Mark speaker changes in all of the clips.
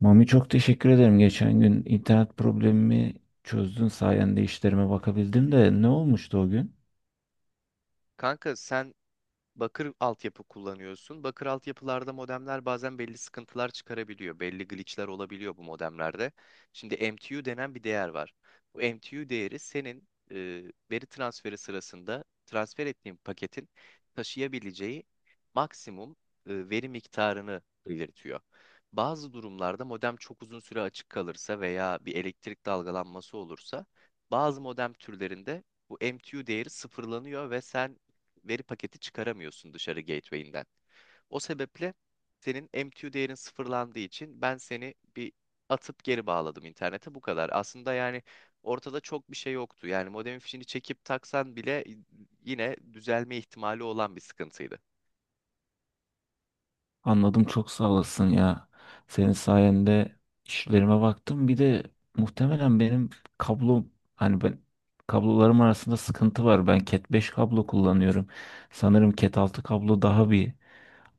Speaker 1: Mami çok teşekkür ederim. Geçen gün internet problemimi çözdün sayende işlerime bakabildim de ne olmuştu o gün?
Speaker 2: Kanka sen bakır altyapı kullanıyorsun. Bakır altyapılarda modemler bazen belli sıkıntılar çıkarabiliyor. Belli glitchler olabiliyor bu modemlerde. Şimdi MTU denen bir değer var. Bu MTU değeri senin veri transferi sırasında transfer ettiğin paketin taşıyabileceği maksimum veri miktarını belirtiyor. Bazı durumlarda modem çok uzun süre açık kalırsa veya bir elektrik dalgalanması olursa bazı modem türlerinde bu MTU değeri sıfırlanıyor ve sen veri paketi çıkaramıyorsun dışarı gateway'inden. O sebeple senin MTU değerin sıfırlandığı için ben seni bir atıp geri bağladım internete, bu kadar. Aslında yani ortada çok bir şey yoktu. Yani modemin fişini çekip taksan bile yine düzelme ihtimali olan bir sıkıntıydı.
Speaker 1: Anladım çok sağ olasın ya. Senin sayende işlerime baktım. Bir de muhtemelen benim kablom, hani ben kablolarım arasında sıkıntı var. Ben Cat 5 kablo kullanıyorum. Sanırım Cat 6 kablo daha bir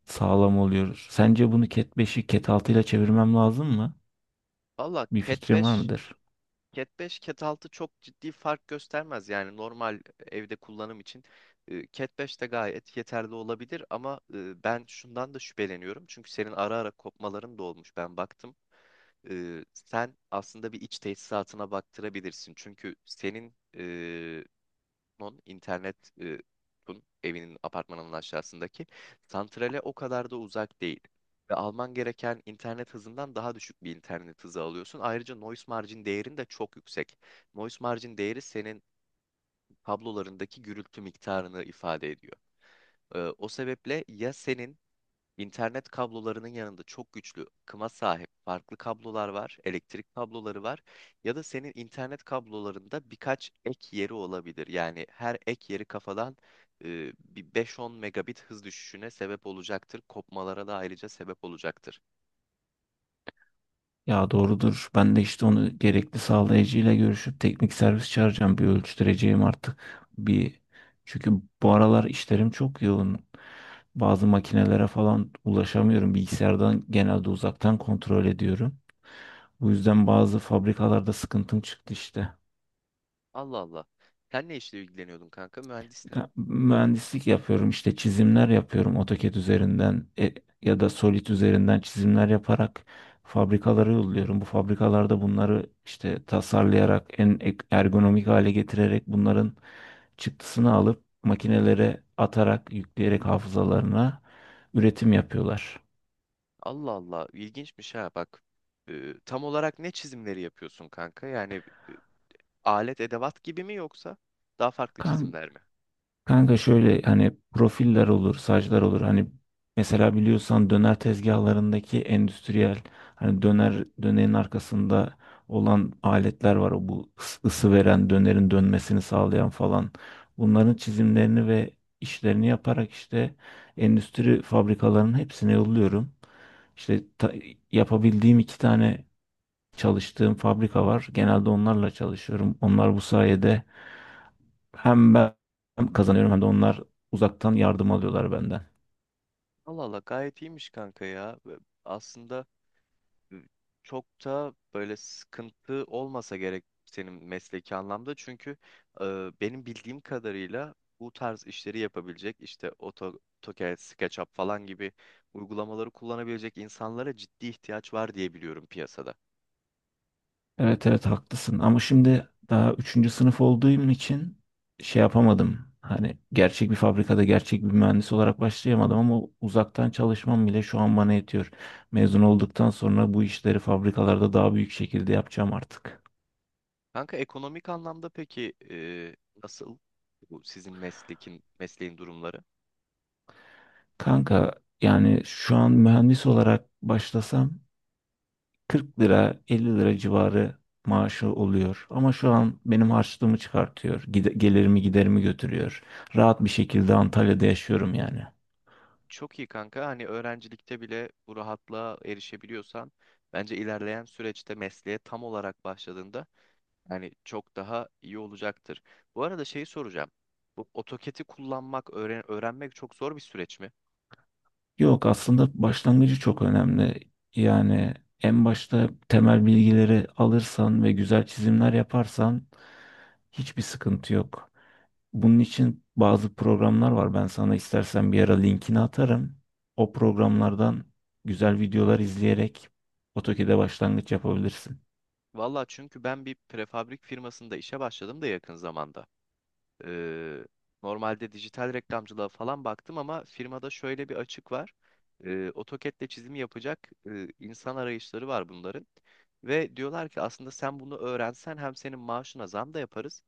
Speaker 1: sağlam oluyor. Sence bunu Cat 5'i Cat 6 ile çevirmem lazım mı?
Speaker 2: Valla
Speaker 1: Bir
Speaker 2: Cat
Speaker 1: fikrin var
Speaker 2: 5
Speaker 1: mıdır?
Speaker 2: Cat 5, Cat 6 çok ciddi fark göstermez. Yani normal evde kullanım için Cat 5 de gayet yeterli olabilir, ama ben şundan da şüpheleniyorum. Çünkü senin ara ara kopmaların da olmuş. Ben baktım. Sen aslında bir iç tesisatına baktırabilirsin. Çünkü senin non internet evinin apartmanının aşağısındaki santrale o kadar da uzak değil. Ve alman gereken internet hızından daha düşük bir internet hızı alıyorsun. Ayrıca noise margin değerin de çok yüksek. Noise margin değeri senin kablolarındaki gürültü miktarını ifade ediyor. O sebeple ya senin İnternet kablolarının yanında çok güçlü kıma sahip farklı kablolar var, elektrik kabloları var, ya da senin internet kablolarında birkaç ek yeri olabilir. Yani her ek yeri kafadan bir 5-10 megabit hız düşüşüne sebep olacaktır. Kopmalara da ayrıca sebep olacaktır.
Speaker 1: Ya doğrudur. Ben de işte onu gerekli sağlayıcıyla görüşüp teknik servis çağıracağım. Bir ölçtüreceğim artık. Bir çünkü bu aralar işlerim çok yoğun. Bazı makinelere falan ulaşamıyorum. Bilgisayardan genelde uzaktan kontrol ediyorum. Bu yüzden bazı fabrikalarda sıkıntım çıktı işte.
Speaker 2: Allah Allah. Sen ne işle ilgileniyordun kanka? Mühendistin.
Speaker 1: Ha, mühendislik yapıyorum, işte çizimler yapıyorum AutoCAD üzerinden ya da Solid üzerinden çizimler yaparak fabrikalara yolluyorum. Bu fabrikalarda bunları işte tasarlayarak, en ergonomik hale getirerek bunların çıktısını alıp makinelere atarak, yükleyerek hafızalarına üretim yapıyorlar.
Speaker 2: Allah Allah. İlginçmiş ha bak. Tam olarak ne çizimleri yapıyorsun kanka? Yani e, alet edevat gibi mi, yoksa daha farklı çizimler mi?
Speaker 1: Kanka şöyle, hani profiller olur, saçlar olur. Hani mesela biliyorsan döner tezgahlarındaki endüstriyel, hani döner, dönerin arkasında olan aletler var. O, bu ısı veren, dönerin dönmesini sağlayan falan. Bunların çizimlerini ve işlerini yaparak işte endüstri fabrikalarının hepsine yolluyorum. İşte ta- Yapabildiğim iki tane çalıştığım fabrika var. Genelde onlarla çalışıyorum. Onlar bu sayede hem ben kazanıyorum hem de onlar uzaktan yardım alıyorlar benden.
Speaker 2: Allah Allah, gayet iyiymiş kanka ya. Ve aslında e, çok da böyle sıkıntı olmasa gerek senin mesleki anlamda. Çünkü e, benim bildiğim kadarıyla bu tarz işleri yapabilecek, işte AutoCAD, SketchUp falan gibi uygulamaları kullanabilecek insanlara ciddi ihtiyaç var diye biliyorum piyasada.
Speaker 1: Evet evet haklısın, ama şimdi daha üçüncü sınıf olduğum için şey yapamadım. Hani gerçek bir fabrikada gerçek bir mühendis olarak başlayamadım, ama uzaktan çalışmam bile şu an bana yetiyor. Mezun olduktan sonra bu işleri fabrikalarda daha büyük şekilde yapacağım artık.
Speaker 2: Kanka ekonomik anlamda peki nasıl bu sizin mesleğin durumları?
Speaker 1: Kanka, yani şu an mühendis olarak başlasam 40 lira 50 lira civarı maaşı oluyor. Ama şu an benim harçlığımı çıkartıyor. Gelirimi giderimi götürüyor. Rahat bir şekilde Antalya'da yaşıyorum yani.
Speaker 2: Çok iyi kanka. Hani öğrencilikte bile bu rahatlığa erişebiliyorsan, bence ilerleyen süreçte mesleğe tam olarak başladığında hani çok daha iyi olacaktır. Bu arada şeyi soracağım. Bu AutoCAD'i kullanmak, öğrenmek çok zor bir süreç mi?
Speaker 1: Yok, aslında başlangıcı çok önemli. Yani en başta temel bilgileri alırsan ve güzel çizimler yaparsan hiçbir sıkıntı yok. Bunun için bazı programlar var. Ben sana istersen bir ara linkini atarım. O programlardan güzel videolar izleyerek AutoCAD'e başlangıç yapabilirsin.
Speaker 2: Valla, çünkü ben bir prefabrik firmasında işe başladım da yakın zamanda. Ee, Normalde dijital reklamcılığa falan baktım, ama firmada şöyle bir açık var. AutoCAD'le çizimi yapacak insan arayışları var bunların. Ve diyorlar ki aslında sen bunu öğrensen hem senin maaşına zam da yaparız,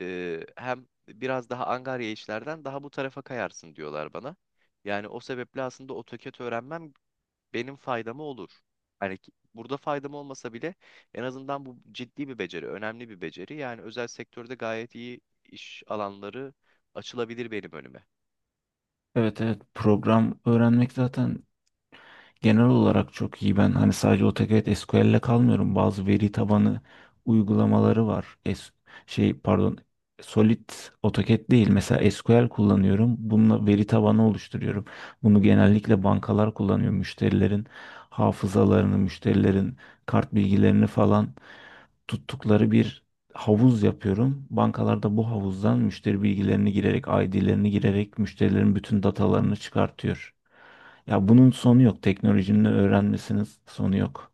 Speaker 2: hem biraz daha angarya işlerden daha bu tarafa kayarsın diyorlar bana. Yani o sebeple aslında AutoCAD öğrenmem benim faydama olur. Hani burada faydam olmasa bile en azından bu ciddi bir beceri, önemli bir beceri. Yani özel sektörde gayet iyi iş alanları açılabilir benim önüme.
Speaker 1: Evet evet, program öğrenmek zaten genel olarak çok iyi. Ben hani sadece AutoCAD SQL'le kalmıyorum. Bazı veri tabanı uygulamaları var. Şey, pardon, Solid, AutoCAD değil. Mesela SQL kullanıyorum. Bununla veri tabanı oluşturuyorum. Bunu genellikle bankalar kullanıyor. Müşterilerin hafızalarını, müşterilerin kart bilgilerini falan tuttukları bir havuz yapıyorum. Bankalarda bu havuzdan müşteri bilgilerini girerek, ID'lerini girerek müşterilerin bütün datalarını çıkartıyor. Ya bunun sonu yok. Teknolojinin öğrenmesinin sonu yok.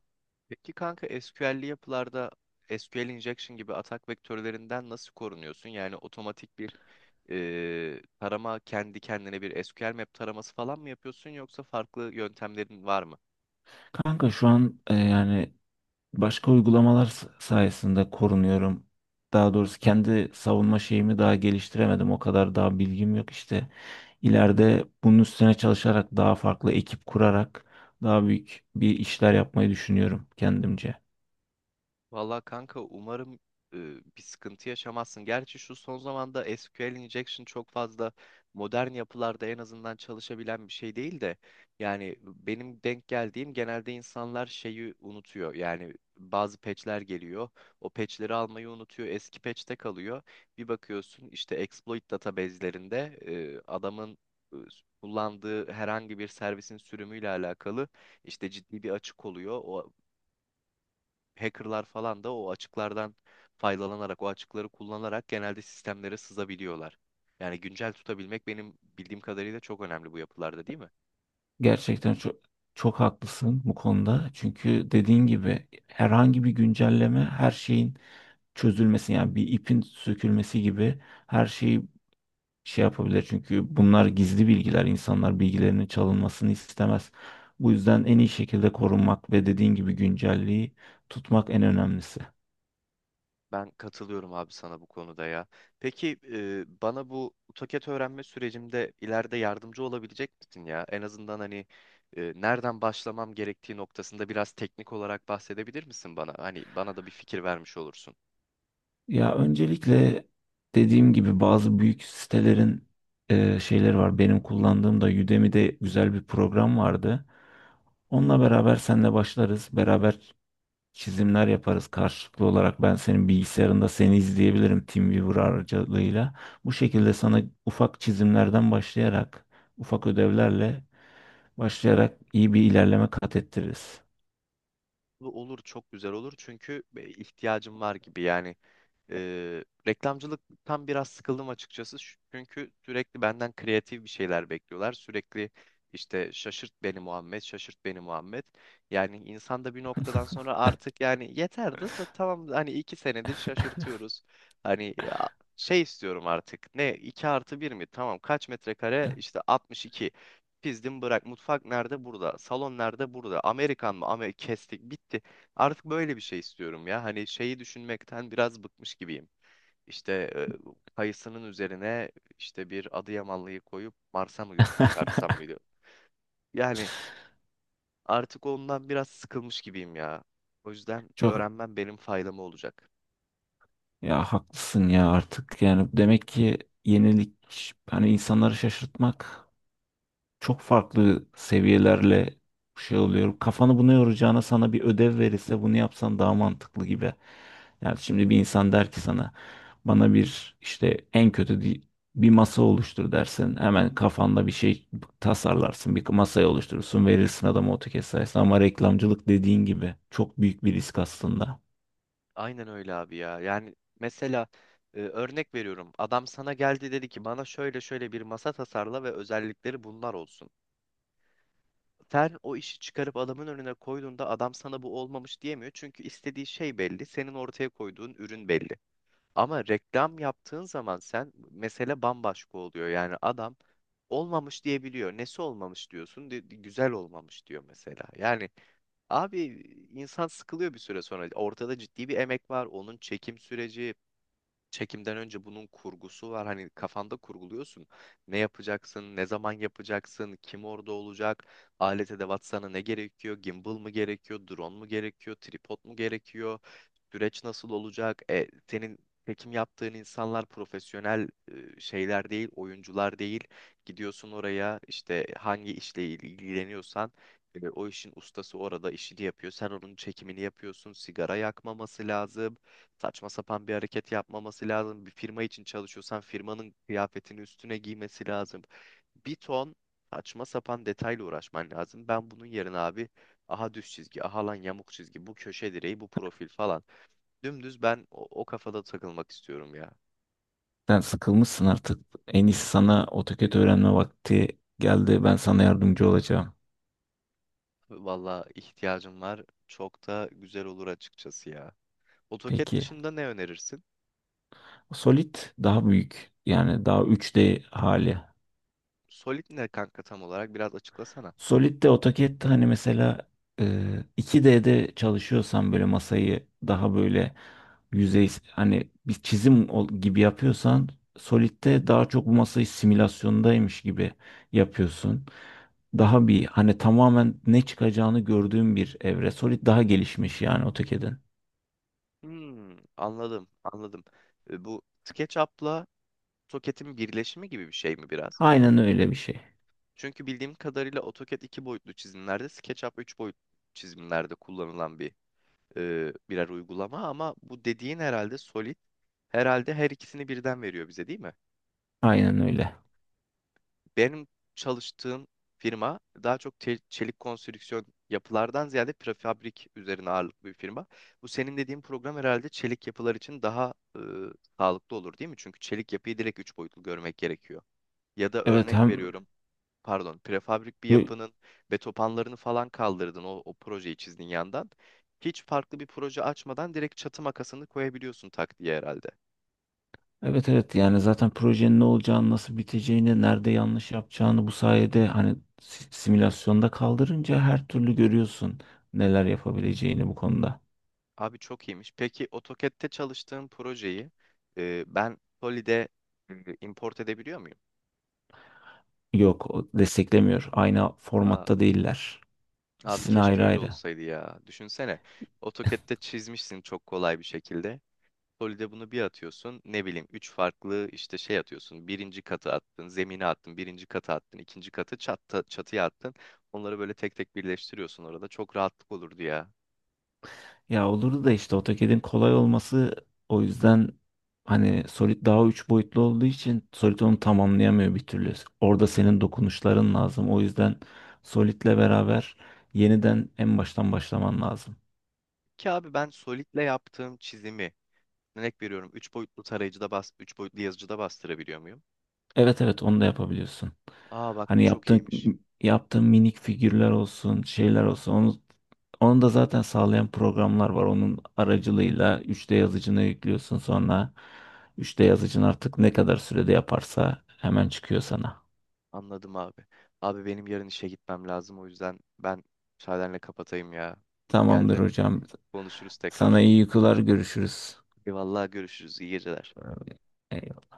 Speaker 2: Peki kanka SQL'li yapılarda SQL injection gibi atak vektörlerinden nasıl korunuyorsun? Yani otomatik bir tarama, kendi kendine bir SQL map taraması falan mı yapıyorsun, yoksa farklı yöntemlerin var mı?
Speaker 1: Kanka şu an, yani başka uygulamalar sayesinde korunuyorum. Daha doğrusu kendi savunma şeyimi daha geliştiremedim. O kadar daha bilgim yok işte. İleride bunun üstüne çalışarak, daha farklı ekip kurarak daha büyük bir işler yapmayı düşünüyorum kendimce.
Speaker 2: Valla kanka, umarım e, bir sıkıntı yaşamazsın. Gerçi şu son zamanda SQL injection çok fazla modern yapılarda en azından çalışabilen bir şey değil de, yani benim denk geldiğim genelde insanlar şeyi unutuyor. Yani bazı patchler geliyor. O patchleri almayı unutuyor. Eski patchte kalıyor. Bir bakıyorsun, işte exploit database'lerinde adamın e, kullandığı herhangi bir servisin sürümüyle alakalı işte ciddi bir açık oluyor. O hackerlar falan da o açıklardan faydalanarak, o açıkları kullanarak genelde sistemlere sızabiliyorlar. Yani güncel tutabilmek benim bildiğim kadarıyla çok önemli bu yapılarda, değil mi?
Speaker 1: Gerçekten çok çok haklısın bu konuda. Çünkü dediğin gibi herhangi bir güncelleme, her şeyin çözülmesi, yani bir ipin sökülmesi gibi her şeyi şey yapabilir. Çünkü bunlar gizli bilgiler. İnsanlar bilgilerinin çalınmasını istemez. Bu yüzden en iyi şekilde korunmak ve dediğin gibi güncelliği tutmak en önemlisi.
Speaker 2: Ben katılıyorum abi sana bu konuda ya. Peki bana bu AutoCAD öğrenme sürecimde ileride yardımcı olabilecek misin ya? En azından hani nereden başlamam gerektiği noktasında biraz teknik olarak bahsedebilir misin bana? Hani bana da bir fikir vermiş olursun.
Speaker 1: Ya öncelikle, dediğim gibi, bazı büyük sitelerin şeyleri var. Benim kullandığım da Udemy'de güzel bir program vardı. Onunla beraber senle başlarız. Beraber çizimler yaparız karşılıklı olarak, ben senin bilgisayarında seni izleyebilirim TeamViewer aracılığıyla. Bu şekilde sana ufak çizimlerden başlayarak, ufak ödevlerle başlayarak iyi bir ilerleme kat ettiririz.
Speaker 2: Bu olur, çok güzel olur, çünkü ihtiyacım var gibi yani. Reklamcılıktan biraz sıkıldım açıkçası. Çünkü sürekli benden kreatif bir şeyler bekliyorlar. Sürekli işte şaşırt beni Muhammed, şaşırt beni Muhammed. Yani insan da bir noktadan sonra artık yani yeterdi da, tamam, hani iki senedir şaşırtıyoruz. Hani ya, şey istiyorum artık. Ne, iki artı bir mi? Tamam, kaç metrekare? İşte altmış iki. Pizdim bırak. Mutfak nerede? Burada. Salon nerede? Burada. Amerikan mı? Ama kestik. Bitti. Artık böyle bir şey istiyorum ya. Hani şeyi düşünmekten biraz bıkmış gibiyim. İşte kayısının üzerine işte bir Adıyamanlıyı koyup Mars'a mı göt çıkartsam mıydı? Yani artık ondan biraz sıkılmış gibiyim ya. O yüzden
Speaker 1: Çok,
Speaker 2: öğrenmem benim faydama olacak.
Speaker 1: ya haklısın ya, artık yani demek ki yenilik, hani insanları şaşırtmak çok farklı seviyelerle şey oluyor. Kafanı buna yoracağına sana bir ödev verirse bunu yapsan daha mantıklı gibi. Yani şimdi bir insan der ki sana, bana bir işte en kötü bir masa oluştur dersin. Hemen kafanda bir şey tasarlarsın. Bir masayı oluşturursun. Verirsin adama AutoCAD sayesinde. Ama reklamcılık dediğin gibi çok büyük bir risk aslında.
Speaker 2: Aynen öyle abi ya. Yani mesela örnek veriyorum. Adam sana geldi, dedi ki bana şöyle şöyle bir masa tasarla ve özellikleri bunlar olsun. Sen o işi çıkarıp adamın önüne koyduğunda, adam sana bu olmamış diyemiyor. Çünkü istediği şey belli. Senin ortaya koyduğun ürün belli. Ama reklam yaptığın zaman, sen, mesele bambaşka oluyor. Yani adam olmamış diyebiliyor. Nesi olmamış diyorsun? Güzel olmamış diyor mesela. Yani abi, insan sıkılıyor bir süre sonra. Ortada ciddi bir emek var. Onun çekim süreci, çekimden önce bunun kurgusu var. Hani kafanda kurguluyorsun. Ne yapacaksın, ne zaman yapacaksın, kim orada olacak, alet edevat sana ne gerekiyor, gimbal mı gerekiyor, drone mu gerekiyor, tripod mu gerekiyor, süreç nasıl olacak? Senin çekim yaptığın insanlar profesyonel şeyler değil, oyuncular değil. Gidiyorsun oraya, işte hangi işle ilgileniyorsan o işin ustası orada işini yapıyor. Sen onun çekimini yapıyorsun. Sigara yakmaması lazım. Saçma sapan bir hareket yapmaması lazım. Bir firma için çalışıyorsan firmanın kıyafetini üstüne giymesi lazım. Bir ton saçma sapan detayla uğraşman lazım. Ben bunun yerine abi, aha düz çizgi, aha lan yamuk çizgi, bu köşe direği, bu profil falan. Dümdüz ben o kafada takılmak istiyorum ya.
Speaker 1: Sen sıkılmışsın artık. En iyisi, sana AutoCAD öğrenme vakti geldi. Ben sana yardımcı olacağım.
Speaker 2: Valla ihtiyacım var. Çok da güzel olur açıkçası ya. AutoCAD
Speaker 1: Peki.
Speaker 2: dışında ne önerirsin?
Speaker 1: Solid daha büyük. Yani daha üç d hali.
Speaker 2: Solid ne kanka tam olarak, biraz açıklasana.
Speaker 1: Solid'de AutoCAD, hani mesela e, 2D'de çalışıyorsan böyle masayı daha böyle yüzey, hani bir çizim gibi yapıyorsan, Solid'de daha çok bu masayı simülasyondaymış gibi yapıyorsun. Daha bir hani tamamen ne çıkacağını gördüğün bir evre. Solid daha gelişmiş yani AutoCAD'in.
Speaker 2: Hmm, anladım, anladım. Bu SketchUp'la AutoCAD'in birleşimi gibi bir şey mi biraz?
Speaker 1: Aynen öyle bir şey.
Speaker 2: Çünkü bildiğim kadarıyla AutoCAD iki boyutlu çizimlerde, SketchUp üç boyutlu çizimlerde kullanılan bir birer uygulama, ama bu dediğin herhalde Solid, herhalde her ikisini birden veriyor bize, değil mi?
Speaker 1: Aynen öyle.
Speaker 2: Benim çalıştığım firma daha çok çelik konstrüksiyon yapılardan ziyade prefabrik üzerine ağırlıklı bir firma. Bu senin dediğin program herhalde çelik yapılar için daha sağlıklı olur, değil mi? Çünkü çelik yapıyı direkt üç boyutlu görmek gerekiyor. Ya da
Speaker 1: Evet,
Speaker 2: örnek
Speaker 1: hem
Speaker 2: veriyorum, pardon, prefabrik bir yapının betopanlarını falan kaldırdın, o projeyi çizdin yandan. Hiç farklı bir proje açmadan direkt çatı makasını koyabiliyorsun tak diye herhalde.
Speaker 1: evet evet, yani zaten projenin ne olacağını, nasıl biteceğini, nerede yanlış yapacağını bu sayede, hani simülasyonda kaldırınca her türlü görüyorsun neler yapabileceğini bu konuda.
Speaker 2: Abi çok iyiymiş. Peki AutoCAD'te çalıştığım projeyi ben Solid'e e, import edebiliyor muyum?
Speaker 1: Yok, o desteklemiyor. Aynı
Speaker 2: Aa,
Speaker 1: formatta değiller.
Speaker 2: abi,
Speaker 1: İkisini
Speaker 2: keşke
Speaker 1: ayrı
Speaker 2: öyle
Speaker 1: ayrı.
Speaker 2: olsaydı ya. Düşünsene, AutoCAD'te çizmişsin çok kolay bir şekilde. Solide bunu bir atıyorsun. Ne bileyim üç farklı işte şey atıyorsun. Birinci katı attın, zemine attın, birinci katı attın, ikinci katı çatı, çatıya attın. Onları böyle tek tek birleştiriyorsun orada. Çok rahatlık olurdu ya.
Speaker 1: Ya olurdu da, işte AutoCAD'in kolay olması o yüzden, hani Solid daha üç boyutlu olduğu için Solid onu tamamlayamıyor bir türlü. Orada senin dokunuşların lazım. O yüzden Solid'le beraber yeniden en baştan başlaman lazım.
Speaker 2: Ki abi, ben Solid'le yaptığım çizimi, örnek veriyorum, üç boyutlu tarayıcıda bas, üç boyutlu yazıcıda bastırabiliyor muyum?
Speaker 1: Evet evet, onu da yapabiliyorsun.
Speaker 2: Aa bak, bu
Speaker 1: Hani
Speaker 2: çok
Speaker 1: yaptığın
Speaker 2: iyiymiş.
Speaker 1: yaptığın minik figürler olsun, şeyler olsun. Onu da zaten sağlayan programlar var. Onun aracılığıyla 3D yazıcına yüklüyorsun. Sonra 3D yazıcın artık ne kadar sürede yaparsa hemen çıkıyor sana.
Speaker 2: Anladım abi. Abi benim yarın işe gitmem lazım. O yüzden ben müsaadenle kapatayım ya.
Speaker 1: Tamamdır
Speaker 2: Geldi.
Speaker 1: hocam.
Speaker 2: Konuşuruz
Speaker 1: Sana
Speaker 2: tekrar.
Speaker 1: iyi uykular, görüşürüz.
Speaker 2: Eyvallah, görüşürüz. İyi geceler.
Speaker 1: Eyvallah.